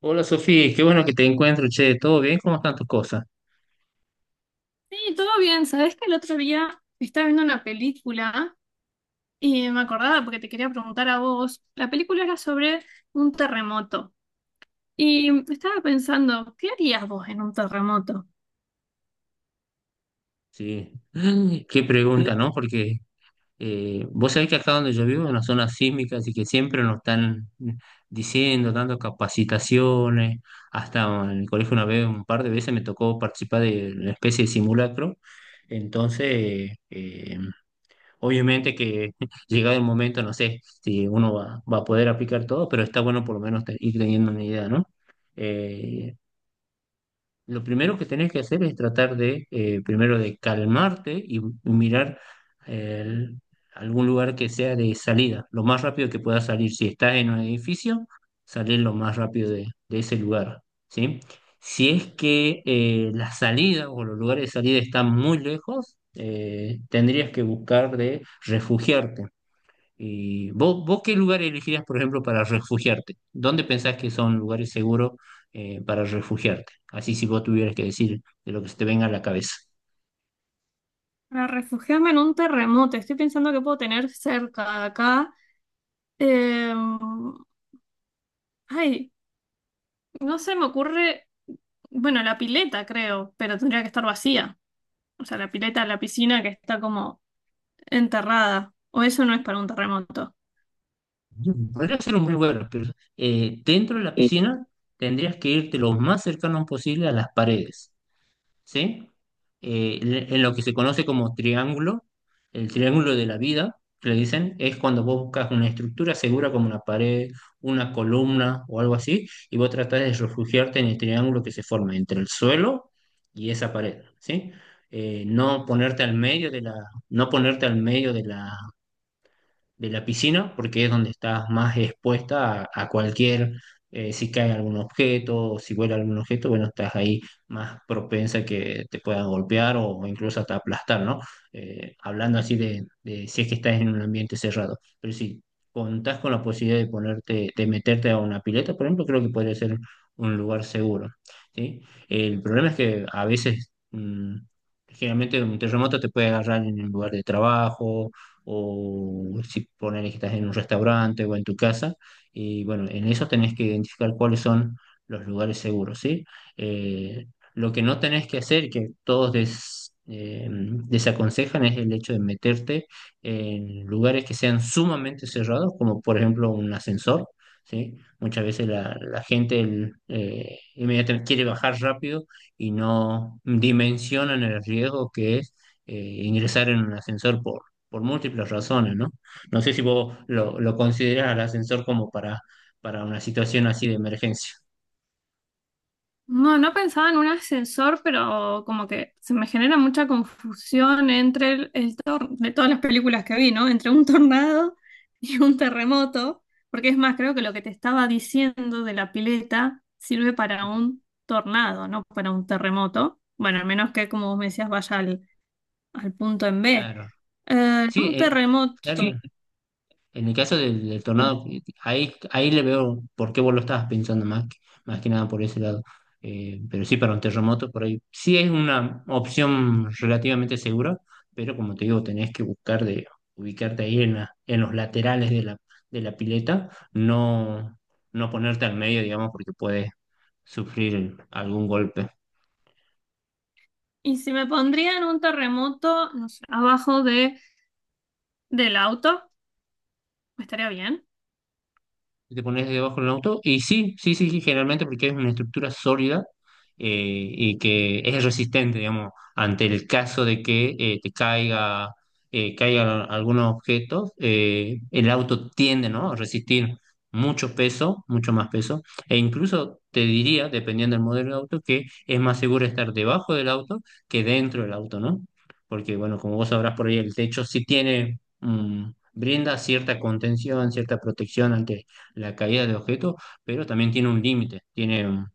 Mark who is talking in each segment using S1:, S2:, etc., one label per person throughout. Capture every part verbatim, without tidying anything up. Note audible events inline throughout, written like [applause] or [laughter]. S1: Hola Sofía, qué bueno que te encuentro, che, ¿todo bien? ¿Cómo están tus cosas?
S2: Sí, todo bien. Sabés que el otro día estaba viendo una película y me acordaba porque te quería preguntar a vos. La película era sobre un terremoto y estaba pensando, ¿qué harías vos en un terremoto?
S1: Sí, [gasps] [laughs] qué pregunta, ¿no? Porque eh, vos sabés que acá donde yo vivo es una zona sísmica, así que siempre nos están diciendo, dando capacitaciones, hasta en el colegio una vez, un par de veces me tocó participar de una especie de simulacro, entonces, eh, obviamente que [laughs] llegado el momento, no sé si uno va, va a poder aplicar todo, pero está bueno por lo menos te- ir teniendo una idea, ¿no? Eh, lo primero que tenés que hacer es tratar de, eh, primero de calmarte y mirar el- algún lugar que sea de salida, lo más rápido que puedas salir. Si estás en un edificio, salir lo más rápido de, de ese lugar, ¿sí? Si es que eh, la salida o los lugares de salida están muy lejos, eh, tendrías que buscar de refugiarte. Eh, ¿vos, vos qué lugar elegirías, por ejemplo, para refugiarte? ¿Dónde pensás que son lugares seguros eh, para refugiarte? Así si vos tuvieras que decir de lo que se te venga a la cabeza.
S2: Para refugiarme en un terremoto, estoy pensando que puedo tener cerca acá. Eh, Ay, no se me ocurre, bueno, la pileta creo, pero tendría que estar vacía. O sea, la pileta, la piscina que está como enterrada. O eso no es para un terremoto.
S1: Podría ser un buen lugar, pero eh, dentro de la piscina tendrías que irte lo más cercano posible a las paredes. ¿Sí? Eh, en en lo que se conoce como triángulo, el triángulo de la vida, que le dicen, es cuando vos buscas una estructura segura como una pared, una columna o algo así, y vos tratás de refugiarte en el triángulo que se forma entre el suelo y esa pared, ¿sí? Eh, no ponerte al medio de la, no ponerte al medio de la de la piscina, porque es donde estás más expuesta a, a cualquier, eh, si cae algún objeto o si vuela algún objeto, bueno, estás ahí más propensa que te puedan golpear o incluso hasta aplastar, ¿no? Eh, hablando así de, de si es que estás en un ambiente cerrado. Pero si contás con la posibilidad de ponerte, de meterte a una pileta, por ejemplo, creo que podría ser un lugar seguro, ¿sí? El problema es que a veces... mm, generalmente un terremoto te puede agarrar en el lugar de trabajo, o si poner que estás en un restaurante o en tu casa. Y bueno, en eso tenés que identificar cuáles son los lugares seguros, ¿sí? Eh, lo que no tenés que hacer, que todos des- eh, desaconsejan, es el hecho de meterte en lugares que sean sumamente cerrados, como por ejemplo un ascensor, ¿sí? Muchas veces la, la gente el, eh, inmediatamente quiere bajar rápido y no dimensionan el riesgo que es eh, ingresar en un ascensor por por múltiples razones, ¿no? No sé si vos lo, lo considerás al ascensor como para, para una situación así de emergencia.
S2: No, no pensaba en un ascensor, pero como que se me genera mucha confusión entre el, el tor- de todas las películas que vi, ¿no? Entre un tornado [laughs] y un terremoto, porque es más, creo que lo que te estaba diciendo de la pileta sirve para un tornado, no para un terremoto. Bueno, al menos que, como vos me decías, vaya al, al punto en B.
S1: Claro.
S2: Eh,
S1: Sí,
S2: un
S1: eh,
S2: terremoto. Sí.
S1: claro, en el caso del, del tornado, ahí, ahí le veo por qué vos lo estabas pensando más, que- más que nada por ese lado. Eh, pero sí, para un terremoto, por ahí sí es una opción relativamente segura, pero como te digo, tenés que buscar de ubicarte ahí en, la- en los laterales de la, de la pileta, no, no ponerte al medio, digamos, porque puedes sufrir algún golpe.
S2: Y si me pondría en un terremoto, no sé, abajo de, del auto, estaría bien.
S1: Y te pones debajo del auto. Y sí, sí, sí, sí, generalmente porque es una estructura sólida eh, y que es resistente, digamos, ante el caso de que eh, te caiga, eh, caigan algunos objetos, eh, el auto tiende, ¿no?, a resistir mucho peso, mucho más peso. E incluso te diría, dependiendo del modelo de auto, que es más seguro estar debajo del auto que dentro del auto, ¿no? Porque, bueno, como vos sabrás por ahí, el techo sí tiene... mm, brinda cierta contención, cierta protección ante la caída de objetos, pero también tiene un límite, tiene, un-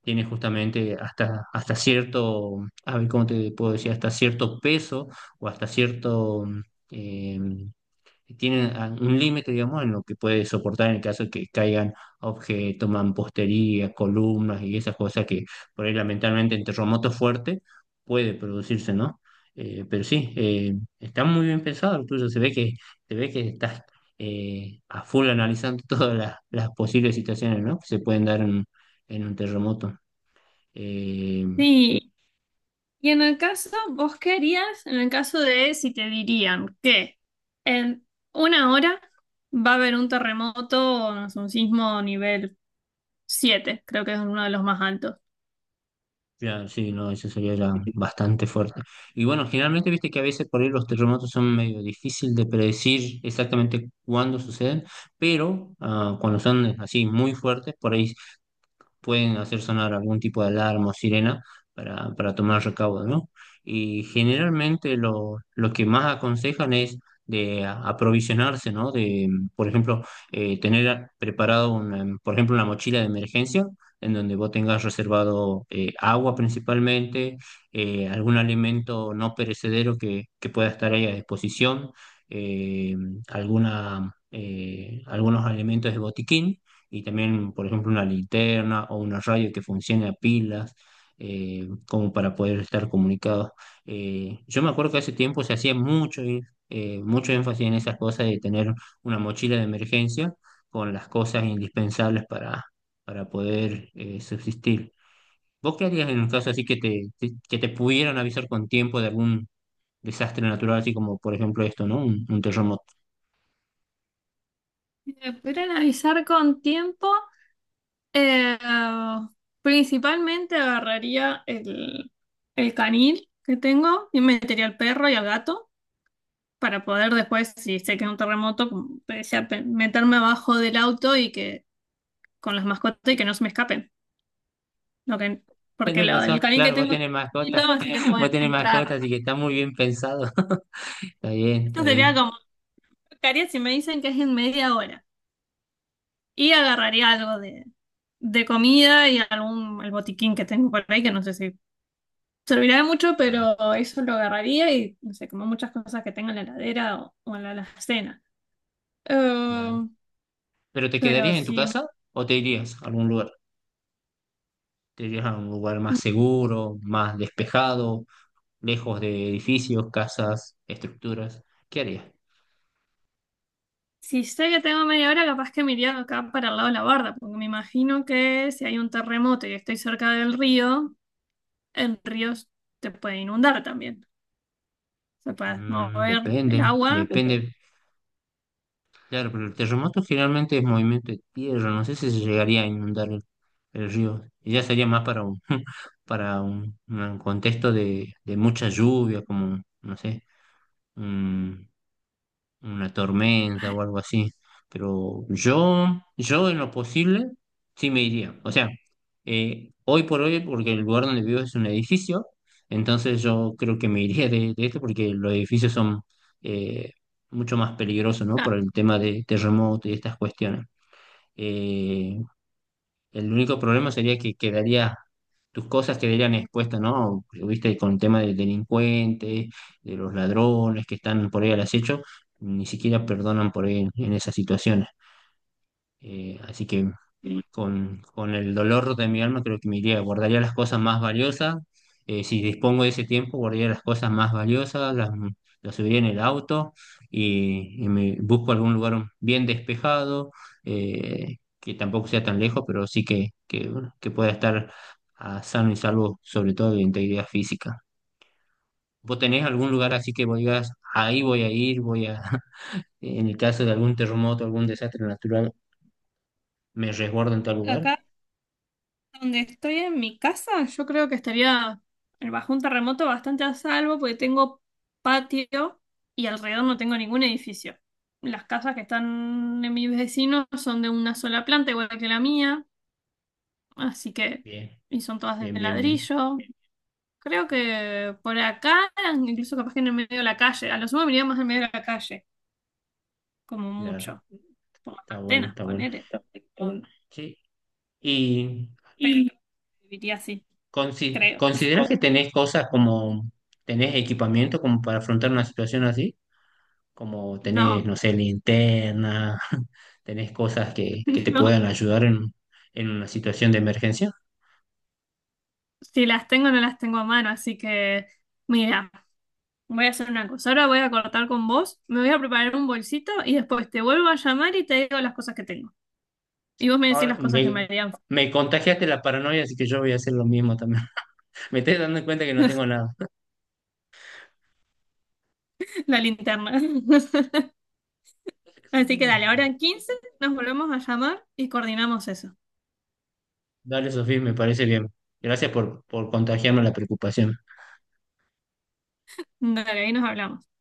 S1: tiene justamente hasta, hasta cierto, a ver, ¿cómo te puedo decir? Hasta cierto peso o hasta cierto, em, que tienen a- un límite, digamos, en lo que puede soportar en el caso de que caigan objetos, mampostería, columnas y esas cosas que por ahí lamentablemente en terremotos fuertes puede producirse, ¿no? Eh, pero sí, eh, está muy bien pensado lo tuyo, se ve que, se ve que estás eh, a full analizando [laughs] todas las, las posibles situaciones, ¿no?, que se pueden dar en, en un terremoto. Eh,
S2: Sí. Y en el caso, ¿vos qué harías en el caso de si te dirían que en una hora va a haber un terremoto, no sé, un sismo nivel siete, creo que es uno de los más altos?
S1: Claro, sí, no, eso sería ya bastante fuerte. Y bueno, generalmente viste que a veces por ahí los terremotos son medio difícil de predecir exactamente cuándo suceden, pero ah, cuando son así muy fuertes, por ahí pueden hacer sonar algún tipo de alarma o sirena para, para tomar recaudo, ¿no? Y generalmente lo, lo que más aconsejan es de a- aprovisionarse, ¿no? De, por ejemplo, eh, tener a- preparado, una, por ejemplo, una mochila de emergencia en donde vos tengas reservado eh, agua principalmente, eh, algún alimento no perecedero que, que pueda estar ahí a disposición, eh, alguna, eh, algunos alimentos de botiquín y también, por ejemplo, una linterna o una radio que funcione a pilas, eh, como para poder estar comunicados. Eh, yo me acuerdo que hace tiempo se hacía mucho, eh, mucho énfasis en esas cosas de tener una mochila de emergencia con las cosas indispensables para, para poder eh, subsistir. ¿Vos qué harías en un caso así que te, te- que te pudieran avisar con tiempo de algún desastre natural, así como por ejemplo esto, ¿no? Un, un terremoto.
S2: Me pudieran avisar con tiempo, eh, principalmente agarraría el, el canil que tengo y metería al perro y al gato para poder después, si sé que es un terremoto, como te decía, pe- meterme abajo del auto y que con las mascotas y que no se me escapen. Lo que, porque
S1: Tienes
S2: lo,
S1: razón,
S2: el canil que
S1: claro, vos
S2: tengo es
S1: tenés mascotas,
S2: chiquito, así que
S1: [laughs]
S2: puedo
S1: vos tenés
S2: entrar.
S1: mascotas, así que está muy bien pensado. [laughs] Está bien, está
S2: Eso sería
S1: bien.
S2: como lo que haría si me dicen que es en media hora. Y agarraría algo de, de comida y algún el botiquín que tengo por ahí, que no sé si servirá de mucho,
S1: Ah,
S2: pero eso lo agarraría y no sé, como muchas cosas que tengo en la heladera o, o en la alacena.
S1: claro.
S2: Eh,
S1: ¿Pero te
S2: pero
S1: quedarías en tu
S2: si, me-
S1: casa o te irías a algún lugar? ¿Te irías a un lugar más seguro, más despejado, lejos de edificios, casas, estructuras? ¿Qué harías?
S2: si sé que tengo media hora, capaz que me iría acá para el lado de la barda, porque me imagino que si hay un terremoto y estoy cerca del río. En ríos te puede inundar también. Se puede
S1: Mm,
S2: mover el
S1: depende,
S2: agua.
S1: depende. Claro, pero el terremoto generalmente es movimiento de tierra, no sé si se llegaría a inundar el río. Y ya sería más para un, [laughs] para un, un contexto de, de mucha lluvia, como, no sé, un- una tormenta o algo así. Pero yo, yo en lo posible, sí me iría. O sea, eh, hoy por hoy, porque el lugar donde vivo es un edificio, entonces yo creo que me iría de, de esto porque los edificios son eh, mucho más peligrosos, ¿no? Por
S2: Ah,
S1: el tema de terremoto y estas cuestiones. Eh, el único problema sería que quedaría, tus cosas quedarían expuestas, ¿no? Viste, con el tema de delincuentes, de los ladrones que están por ahí al acecho, ni siquiera perdonan por ahí en, en esas situaciones. Eh, así que con, con el dolor de mi alma, creo que me iría, guardaría las cosas más valiosas. Eh, si dispongo de ese tiempo, guardaría las cosas más valiosas, las, las subiría en el auto y, y me busco algún lugar bien despejado, eh, que tampoco sea tan lejos, pero sí que, que, bueno, que pueda estar ah, sano y salvo, sobre todo de integridad física. ¿Vos tenés algún lugar así que vos digas, ahí voy a ir, voy a, [laughs] en el caso de algún terremoto, algún desastre natural, me resguardo en tal lugar?
S2: acá donde estoy en mi casa, yo creo que estaría eh, bajo un terremoto bastante a salvo porque tengo patio y alrededor no tengo ningún edificio. Las casas que están en mis vecinos son de una sola planta, igual que la mía, así que,
S1: Bien,
S2: y son todas de
S1: bien, bien, bien.
S2: ladrillo. Creo que por acá, incluso capaz que en el medio de la calle, a lo sumo me iría más en medio de la calle, como
S1: Claro,
S2: mucho. Por las
S1: está bueno,
S2: antenas,
S1: está bueno.
S2: ponele. Pero
S1: Sí, y
S2: y viviría así,
S1: consi-
S2: creo.
S1: ¿consideras que tenés cosas como, tenés equipamiento como para afrontar una situación así? Como tenés,
S2: No,
S1: no sé, linterna, [laughs] tenés cosas que,
S2: [laughs]
S1: que te
S2: no.
S1: puedan ayudar en, en una situación de emergencia.
S2: Si las tengo, no las tengo a mano, así que mira, voy a hacer una cosa. Ahora voy a cortar con vos, me voy a preparar un bolsito y después te vuelvo a llamar y te digo las cosas que tengo. Y vos me decís
S1: Ahora,
S2: las cosas que me
S1: me,
S2: harían
S1: me contagiaste la paranoia, así que yo voy a hacer lo mismo también. [laughs] Me estoy dando cuenta que no tengo
S2: [laughs]
S1: nada.
S2: la linterna. [laughs] Así que dale,
S1: [laughs]
S2: ahora en quince nos volvemos a llamar y coordinamos eso.
S1: Dale, Sofía, me parece bien. Gracias por, por contagiarme la preocupación.
S2: Dale, ahí nos hablamos.